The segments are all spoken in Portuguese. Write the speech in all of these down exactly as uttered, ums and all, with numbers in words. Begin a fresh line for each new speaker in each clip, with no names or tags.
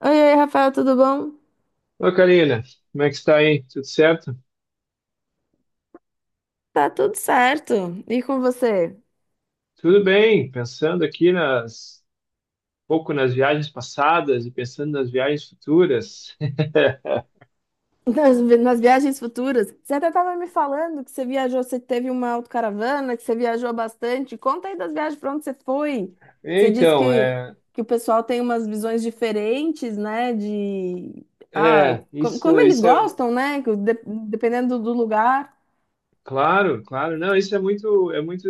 Oi, oi, Rafael, tudo bom?
Ô, Karina, como é que está aí? Tudo certo?
Tá tudo certo. E com você?
Tudo bem, pensando aqui nas, um pouco nas viagens passadas e pensando nas viagens futuras.
Nas, nas viagens futuras, você até estava me falando que você viajou, você teve uma autocaravana, que você viajou bastante. Conta aí das viagens, para onde você foi? Você disse
Então,
que,
é,
que o pessoal tem umas visões diferentes, né? De ah,
é,
co-
isso,
como eles
isso é,
gostam, né? que de- Dependendo do do lugar.
claro, claro, não, isso é muito, é muito,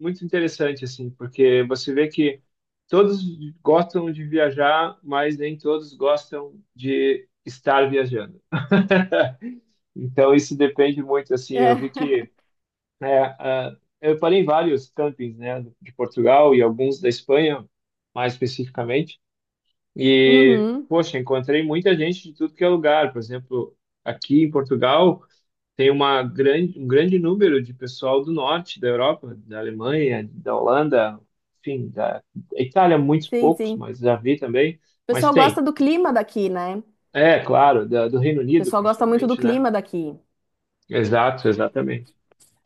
muito interessante, assim, porque você vê que todos gostam de viajar, mas nem todos gostam de estar viajando. Então, isso depende muito, assim,
É.
eu vi que É, ah, eu parei em vários campings, né, de Portugal e alguns da Espanha, mais especificamente. E,
Uhum.
poxa, encontrei muita gente de tudo que é lugar. Por exemplo, aqui em Portugal tem uma grande, um grande número de pessoal do norte da Europa, da Alemanha, da Holanda, enfim, da da Itália, muitos
Sim,
poucos,
sim.
mas já vi também.
O
Mas
pessoal gosta
tem,
do clima daqui, né?
é claro, da, do Reino
O
Unido
pessoal gosta muito do
principalmente, né?
clima daqui.
Exato, exatamente.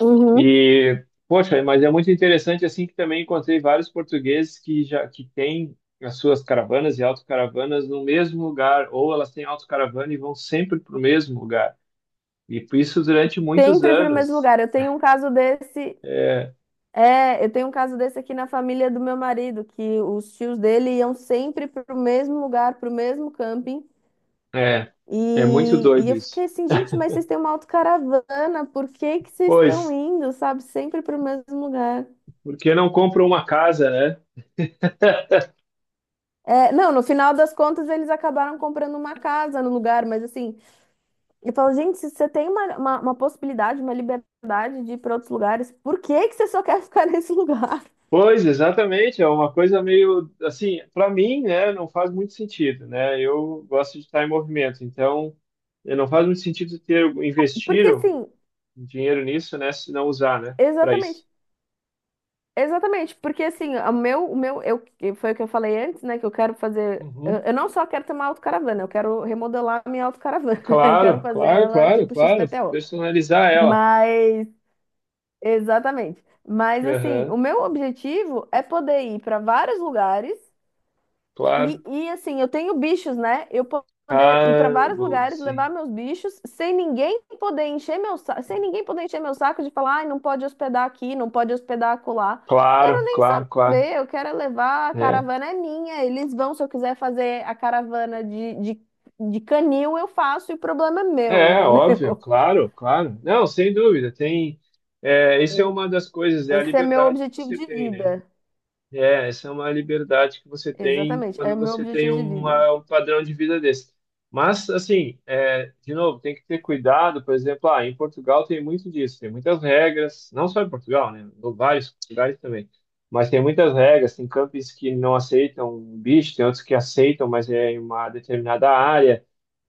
Uhum.
E, poxa, mas é muito interessante assim que também encontrei vários portugueses que já que têm as suas caravanas e autocaravanas no mesmo lugar, ou elas têm autocaravana e vão sempre para o mesmo lugar. E por isso durante muitos
Sempre para o mesmo
anos.
lugar. Eu tenho um caso desse,
É,
é, eu tenho um caso desse aqui na família do meu marido, que os tios dele iam sempre para o mesmo lugar, para o mesmo camping.
é, é muito
E, e
doido
eu
isso.
fiquei assim, gente, mas vocês têm uma autocaravana, por que que vocês estão
Pois,
indo, sabe? Sempre para o mesmo lugar.
porque não compra uma casa, né?
É, não, no final das contas eles acabaram comprando uma casa no lugar, mas assim, eu falo, gente, se você tem uma, uma, uma possibilidade, uma liberdade de ir para outros lugares, por que que você só quer ficar nesse lugar?
Pois, exatamente, é uma coisa meio assim, para mim, né, não faz muito sentido, né? Eu gosto de estar em movimento, então eh, não faz muito sentido ter investir
Porque assim,
dinheiro nisso, né? Se não usar, né? Para
exatamente.
isso.
Exatamente, porque assim, o meu, o meu, eu, que foi o que eu falei antes, né? Que eu quero fazer. Eu,
Uhum.
eu não só quero ter uma autocaravana, eu quero remodelar a minha autocaravana. Eu quero
Claro,
fazer
claro,
ela
claro,
tipo
claro.
X P T O.
Personalizar ela.
Mas, exatamente. Mas assim, o
Aham,
meu objetivo é poder ir para vários lugares e,
claro.
e, assim, eu tenho bichos, né? Eu po- poder ir para
Ah,
vários
boa,
lugares, levar
sim.
meus bichos, sem ninguém poder encher meu saco, sem ninguém poder encher meu saco de falar, ai, não pode hospedar aqui, não pode hospedar acolá. Quero
Claro,
nem
claro, claro.
saber, eu quero levar, a
É.
caravana é minha, eles vão, se eu quiser fazer a caravana de, de, de canil, eu faço, e o problema é meu,
É, óbvio,
entendeu?
claro, claro. Não, sem dúvida, tem. É, isso é
É,
uma das coisas, é a
esse é meu
liberdade que
objetivo
você
de
tem, né?
vida.
É, essa é uma liberdade que você tem
Exatamente, é
quando
meu
você tem
objetivo de vida.
uma, um padrão de vida desse. Mas, assim, é, de novo, tem que ter cuidado, por exemplo, ah, em Portugal tem muito disso, tem muitas regras, não só em Portugal, né, em vários lugares também, mas tem muitas regras, tem campings que não aceitam bicho, tem outros que aceitam, mas é em uma determinada área,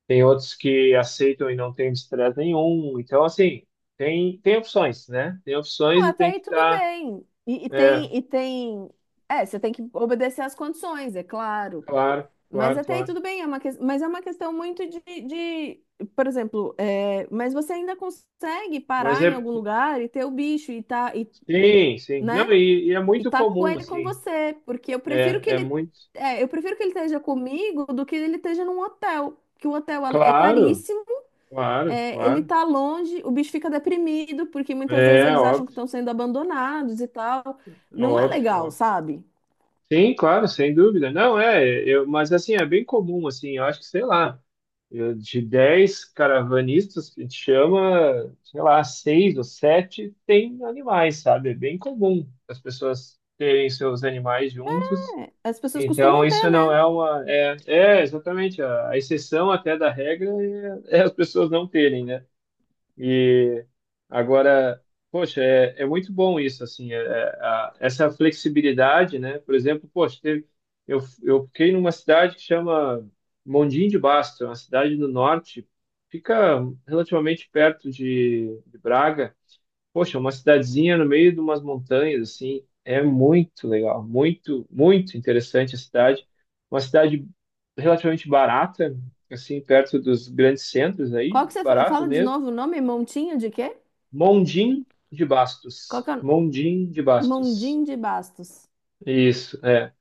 tem outros que aceitam e não tem estresse nenhum, então, assim, tem, tem opções, né, tem
Não,
opções e
até
tem que
aí tudo
estar,
bem. E, e
é,
tem, e tem. É, você tem que obedecer às condições, é claro.
claro,
Mas
claro,
até aí
claro.
tudo bem, é uma que... mas é uma questão muito de, de... Por exemplo, é... mas você ainda consegue
Mas
parar em
é.
algum lugar e ter o bicho e tá, e,
Sim, sim. Não,
né?
e, e é
E
muito
tá com
comum,
ele com
assim.
você. Porque eu
É,
prefiro que
é
ele.
muito.
É, eu prefiro que ele esteja comigo do que ele esteja num hotel. Que o hotel é
Claro,
caríssimo.
claro,
É, ele
claro.
tá longe, o bicho fica deprimido, porque muitas vezes
É
eles acham
óbvio,
que estão sendo abandonados e tal.
é
Não é
óbvio,
legal,
óbvio.
sabe?
Sim, claro, sem dúvida. Não, é, eu, mas assim, é bem comum, assim, eu acho que, sei lá, eu- de dez caravanistas que te chama, sei lá, seis ou sete tem animais, sabe? É bem comum as pessoas terem seus animais juntos.
As pessoas
Então,
costumam ter,
isso não
né?
é uma. É, é exatamente. A, a exceção até da regra é, é as pessoas não terem, né? E agora, poxa, é, é muito bom isso, assim, é- é- a- essa flexibilidade, né? Por exemplo, poxa, teve, eu, eu fiquei numa cidade que chama Mondim de Basto, é uma cidade no norte, fica relativamente perto de, de Braga. Poxa, uma cidadezinha no meio de umas montanhas, assim, é muito legal, muito, muito interessante a cidade. Uma cidade relativamente barata, assim, perto dos grandes centros aí,
Qual que você fa-
barato
fala de
mesmo.
novo o nome? Montinho de quê?
Mondim de
Qual
Bastos.
que é? O-
Mondim de Bastos.
Mondinho de Bastos.
Isso, é.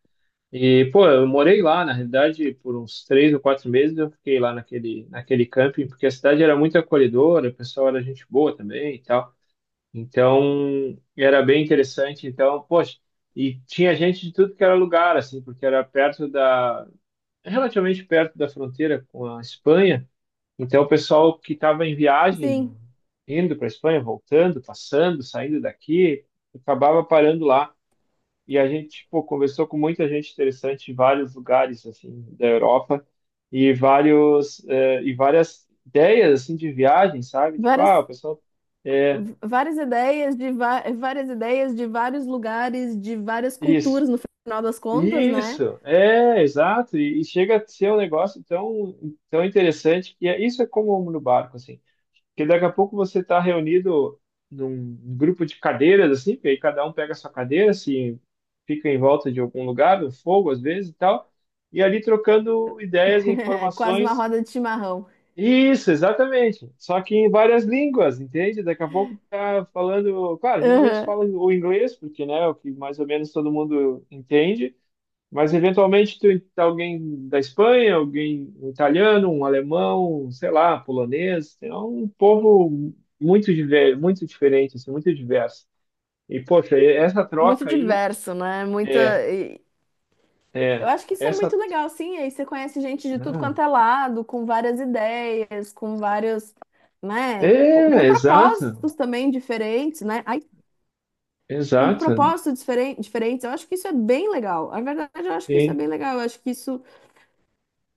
E, pô, eu morei lá, na realidade, por uns três ou quatro meses eu fiquei lá naquele, naquele camping, porque a cidade era muito acolhedora, o pessoal era gente boa também e tal. Então, era bem interessante. Então, poxa, e tinha gente de tudo que era lugar, assim, porque era perto da, relativamente perto da fronteira com a Espanha. Então, o pessoal que estava em viagem,
Sim,
indo para a Espanha, voltando, passando, saindo daqui, acabava parando lá. E a gente, pô, conversou com muita gente interessante em vários lugares, assim, da Europa e vários, eh, e várias ideias, assim, de viagem, sabe? Tipo,
várias,
ah, o pessoal. É,
v- várias ideias de va- várias ideias de vários lugares, de várias
isso.
culturas, no final das contas, né?
Isso, é, exato. E, e chega a ser um negócio tão, tão interessante que é, isso é como um no barco, assim. Porque daqui a pouco você está reunido num grupo de cadeiras, assim, porque aí cada um pega a sua cadeira, assim, fica em volta de algum lugar, no fogo às vezes e tal, e ali trocando ideias e
Quase uma
informações.
roda de chimarrão.
Isso, exatamente. Só que em várias línguas, entende? Daqui a pouco tá falando, claro, geralmente se
Aham.
fala o inglês, porque, né, é o que mais ou menos todo mundo entende. Mas eventualmente tu, alguém da Espanha, alguém um italiano, um alemão, sei lá, polonês, é um povo muito diver- muito diferente, assim, muito diverso. E poxa, e essa
Muito
troca aí
diverso, né? Muita.
é
Eu
é
acho que isso é
essa
muito legal, sim. Aí você conhece gente de tudo
ah,
quanto é lado, com várias ideias, com vários, né, com
é
com
exato,
propósitos também diferentes, né? Ai, com
exato.
propósitos diferen- diferentes. Eu acho que isso é bem legal. Na verdade, eu acho que isso é
Sim,
bem legal. Eu acho que isso,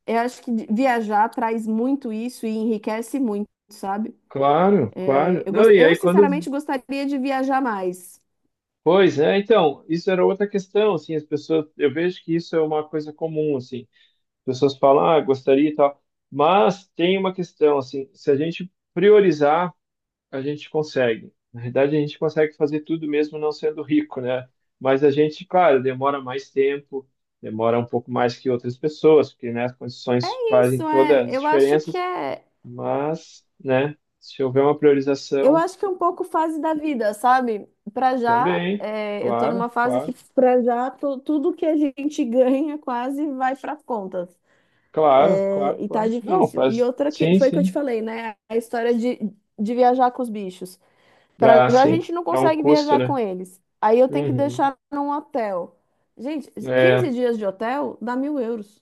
eu acho que de- viajar traz muito isso e enriquece muito, sabe?
claro,
É,
claro.
eu,
Não,
gos-
e
eu
aí quando
sinceramente gostaria de viajar mais.
pois, né? Então, isso era outra questão, assim, as pessoas, eu vejo que isso é uma coisa comum, assim. Pessoas falam, ah, gostaria e tal. Mas tem uma questão, assim, se a gente priorizar, a gente consegue. Na verdade, a gente consegue fazer tudo mesmo não sendo rico, né? Mas a gente, claro, demora mais tempo, demora um pouco mais que outras pessoas, porque, né, as condições fazem
Isso
todas
é,
as
eu acho que
diferenças,
é.
mas, né, se houver uma
Eu
priorização,
acho que é um pouco fase da vida, sabe? Pra já,
também,
é, eu tô
claro,
numa fase que
claro,
pra já tu- tudo que a gente ganha quase vai pras contas.
claro, claro,
É, e tá
claro. Não,
difícil. E
faz,
outra que
sim,
foi que eu te
sim.
falei, né? A história de, de viajar com os bichos. Pra
Ah,
já a
sim,
gente não
dá um
consegue
custo,
viajar
né?
com eles. Aí eu tenho que
Uhum.
deixar num hotel. Gente,
É,
quinze dias de hotel dá mil euros.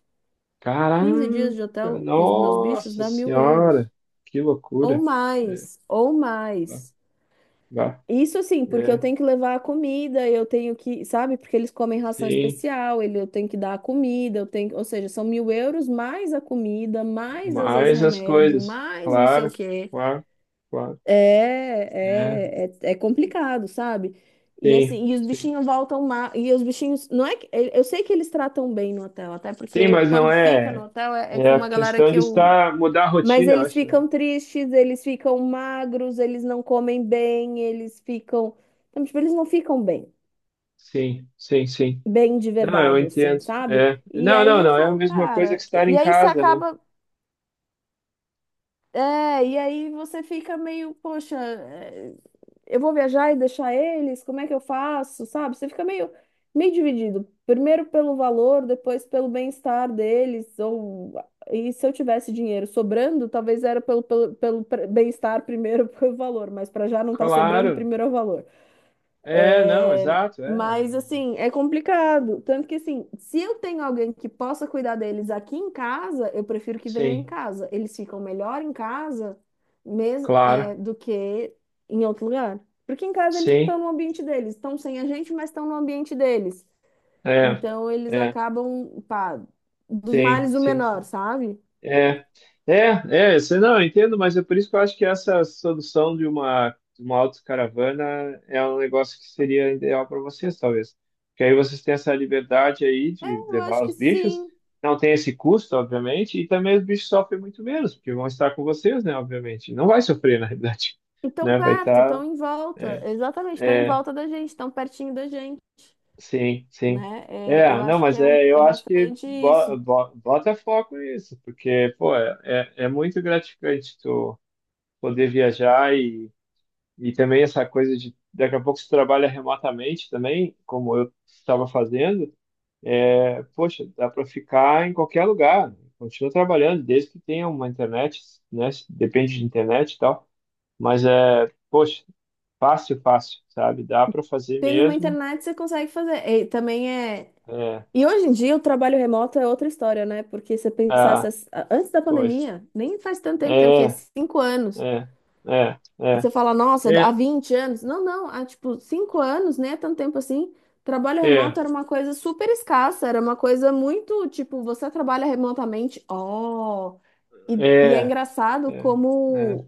Quinze dias de
caraca,
hotel com os meus bichos
nossa
dá mil euros.
senhora, que
Ou
loucura. É,
mais, ou
tá,
mais.
vá,
Isso sim porque eu
é,
tenho que levar a comida, eu tenho que, sabe, porque eles comem ração
sim,
especial, ele, eu tenho que dar a comida, eu tenho, ou seja, são mil euros mais a comida, mais às vezes
mais as
remédio,
coisas,
mais não sei o
claro,
quê.
claro, claro.
É,
É,
é, é, é complicado, sabe? E
sim,
assim, e os
sim.
bichinhos voltam ma- e os bichinhos, não é que, eu sei que eles tratam bem no hotel, até
Sim,
porque
mas não
quando fica no
é,
hotel é, é
é
com
a
uma galera
questão
que
de
eu
estar, mudar a
mas
rotina, eu
eles
acho, né?
ficam tristes, eles ficam magros, eles não comem bem, eles ficam. Então, tipo, eles não ficam bem,
Sim, sim, sim.
bem de
Não, eu
verdade, assim,
entendo.
sabe?
É.
E
Não,
aí
não,
eu
não, é a
falo,
mesma coisa que
cara.
estar em
E aí você
casa, né?
acaba. É, e aí você fica meio, poxa. É, eu vou viajar e deixar eles? Como é que eu faço? Sabe? Você fica meio, meio dividido. Primeiro pelo valor, depois pelo bem-estar deles. Ou... E se eu tivesse dinheiro sobrando, talvez era pelo, pelo, pelo pre- bem-estar primeiro, pelo valor. Mas para já não tá sobrando,
Claro.
primeiro é o valor.
É, não, exato, é.
Mas assim, é complicado. Tanto que assim, se eu tenho alguém que possa cuidar deles aqui em casa, eu prefiro que venha em
Sim,
casa. Eles ficam melhor em casa mesmo,
claro.
é, do que em outro lugar. Porque em casa eles
Sim.
estão no ambiente deles, estão sem a gente, mas estão no ambiente deles.
É,
Então eles
é,
acabam, pá, dos
sim,
males o
sim,
menor,
sim.
sabe?
É, é, é, você não, eu entendo, mas é por isso que eu acho que essa solução de uma, de uma autocaravana é um negócio que seria ideal para vocês, talvez. Porque aí vocês têm essa liberdade aí de
Eu acho
levar
que
os bichos,
sim.
não tem esse custo, obviamente, e também os bichos sofrem muito menos, porque vão estar com vocês, né, obviamente. Não vai sofrer, na realidade,
E tão
né, vai
perto,
estar.
tão em volta. Exatamente, estão em volta da gente, tão pertinho da gente.
Sim, sim.
Né? É, eu
É, não,
acho que
mas
é, um-
é,
é
eu acho que
bastante
bo-
isso.
bo- bota foco nisso, porque, pô, é, é é muito gratificante tu poder viajar e, e também essa coisa de daqui a pouco você trabalha remotamente também, como eu estava fazendo, é, poxa, dá para ficar em qualquer lugar, né? Continua trabalhando, desde que tenha uma internet, né? Depende de internet e tal, mas é, poxa, fácil, fácil, sabe? Dá para fazer
Tendo uma
mesmo.
internet, você consegue fazer. E também é.
É,
E hoje em dia o trabalho remoto é outra história, né? Porque se você pensasse
ah,
antes da
pois.
pandemia, nem faz tanto tempo, tem o
É,
quê? Cinco anos.
é, é, é,
Você fala, nossa, há
é,
vinte anos? Não, não, há tipo cinco anos, né? tanto tempo assim. Trabalho remoto
é,
era uma coisa super escassa, era uma coisa muito tipo, você trabalha remotamente, ó. E, e é
é,
engraçado
é, é.
como,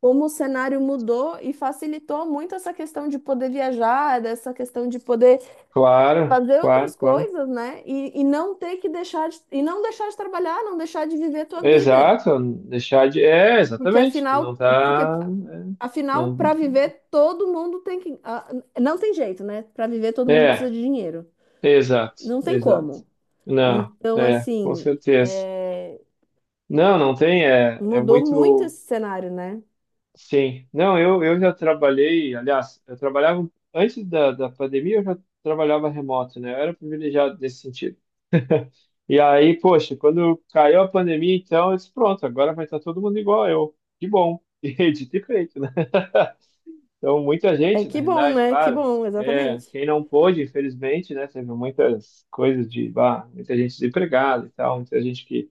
como o cenário mudou e facilitou muito essa questão de poder viajar, dessa questão de poder
Claro,
fazer
claro,
outras
claro.
coisas, né? E, e não ter que deixar de, e não deixar de trabalhar, não deixar de viver a tua vida.
Exato, deixar de. É,
Porque
exatamente. Não
afinal, porque
tá. É,
afinal,
não.
para viver, todo mundo tem que. Ah, não tem jeito, né? Para viver, todo mundo precisa
É,
de dinheiro.
exato,
Não tem
exato.
como.
Não,
Então,
é, com
assim,
certeza.
é,
Não, não tem, é, é
mudou muito
muito.
esse cenário, né?
Sim. Não, eu, eu já trabalhei, aliás, eu trabalhava. Antes da, da pandemia, eu já trabalhava remoto, né? Eu era privilegiado nesse sentido. E aí, poxa, quando caiu a pandemia, então eu disse, pronto, agora vai estar todo mundo igual eu. Que bom. E dito e feito, né? Então, muita
É
gente, na
que bom,
realidade,
né? Que
claro.
bom,
É,
exatamente.
quem não pôde, infelizmente, né? Teve muitas coisas de, bah, muita gente desempregada e tal, muita gente que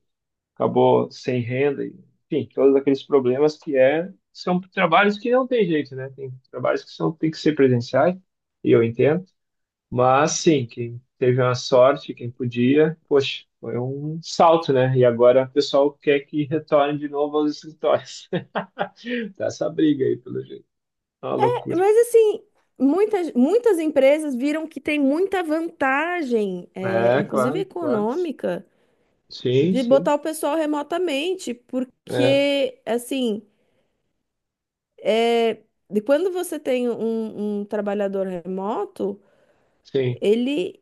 acabou sem renda, e, enfim, todos aqueles problemas que é, são trabalhos que não tem jeito, né? Tem trabalhos que são, tem que ser presenciais, e eu entendo. Mas sim, quem teve a sorte, quem podia, poxa, foi um salto, né? E agora o pessoal quer que retorne de novo aos escritórios. Tá essa briga aí, pelo jeito. É uma
É,
loucura.
mas, assim, muitas, muitas empresas viram que tem muita vantagem, é,
É,
inclusive
claro, claro.
econômica,
Sim,
de
sim.
botar o pessoal remotamente,
É,
porque, assim, é, de quando você tem um um trabalhador remoto.
sim,
Ele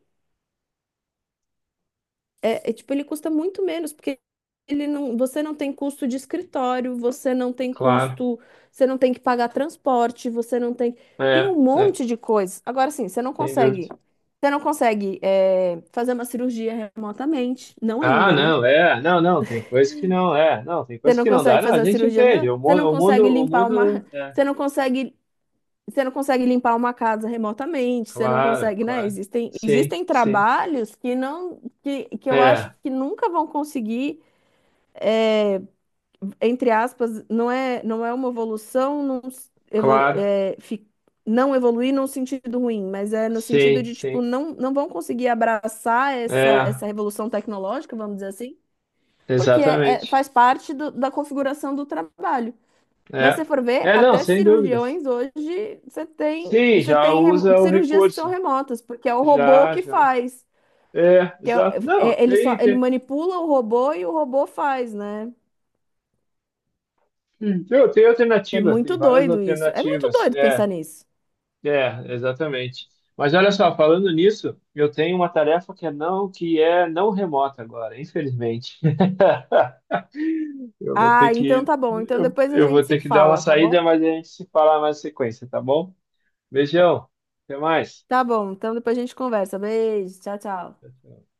é, é, tipo, ele custa muito menos, porque ele não, você não tem custo de escritório, você não tem
claro.
custo, você não tem que pagar transporte, você não tem, tem
É,
um
é,
monte de coisas. Agora sim, você não
sem dúvida.
consegue, você não consegue é, fazer uma cirurgia remotamente, não
Ah,
ainda, né?
não, é, não, não, tem coisa que não, é, não, tem
Você
coisa
não
que não dá,
consegue
não, a
fazer uma
gente
cirurgia,
entende, o
você
mundo,
não
o
consegue
mundo, o
limpar uma,
mundo, é,
você não consegue você não consegue limpar uma casa remotamente, você não
claro,
consegue, né?
claro,
Existem,
sim,
existem
sim,
trabalhos que não, que, que eu acho
é,
que nunca vão conseguir entre aspas, não é, não é uma evolução, não, s- evolu
claro,
é, fi- não evoluir num sentido ruim, mas é no sentido
sim,
de, tipo,
sim.
não, não vão conseguir abraçar essa,
É,
essa revolução tecnológica, vamos dizer assim, porque é, é-
exatamente.
faz parte do- da configuração do trabalho. Mas se
É.
for ver,
É, não,
até
sem dúvidas.
cirurgiões hoje, você tem,
Sim,
você
já
tem remo-
usa o
cirurgias que são
recurso.
remotas, porque é o robô
Já,
que
já.
faz.
É,
Que é-
exato. Não,
é- ele só,
tem,
ele
tem,
manipula o robô e o robô faz, né?
hum, tem, tem
É
alternativas, tem
muito
várias
doido isso. É muito
alternativas.
doido pensar
É,
nisso.
é, exatamente. Mas olha só, falando nisso, eu tenho uma tarefa que é não, que é não remota agora, infelizmente. Eu vou ter
Ah, então
que,
tá bom. Então
eu,
depois a
eu vou
gente se
ter que dar uma
fala, tá
saída,
bom?
mas a gente se fala mais em sequência, tá bom? Beijão, até mais.
Tá bom. Então depois a gente conversa. Beijo. Tchau, tchau.
Tchau, tchau.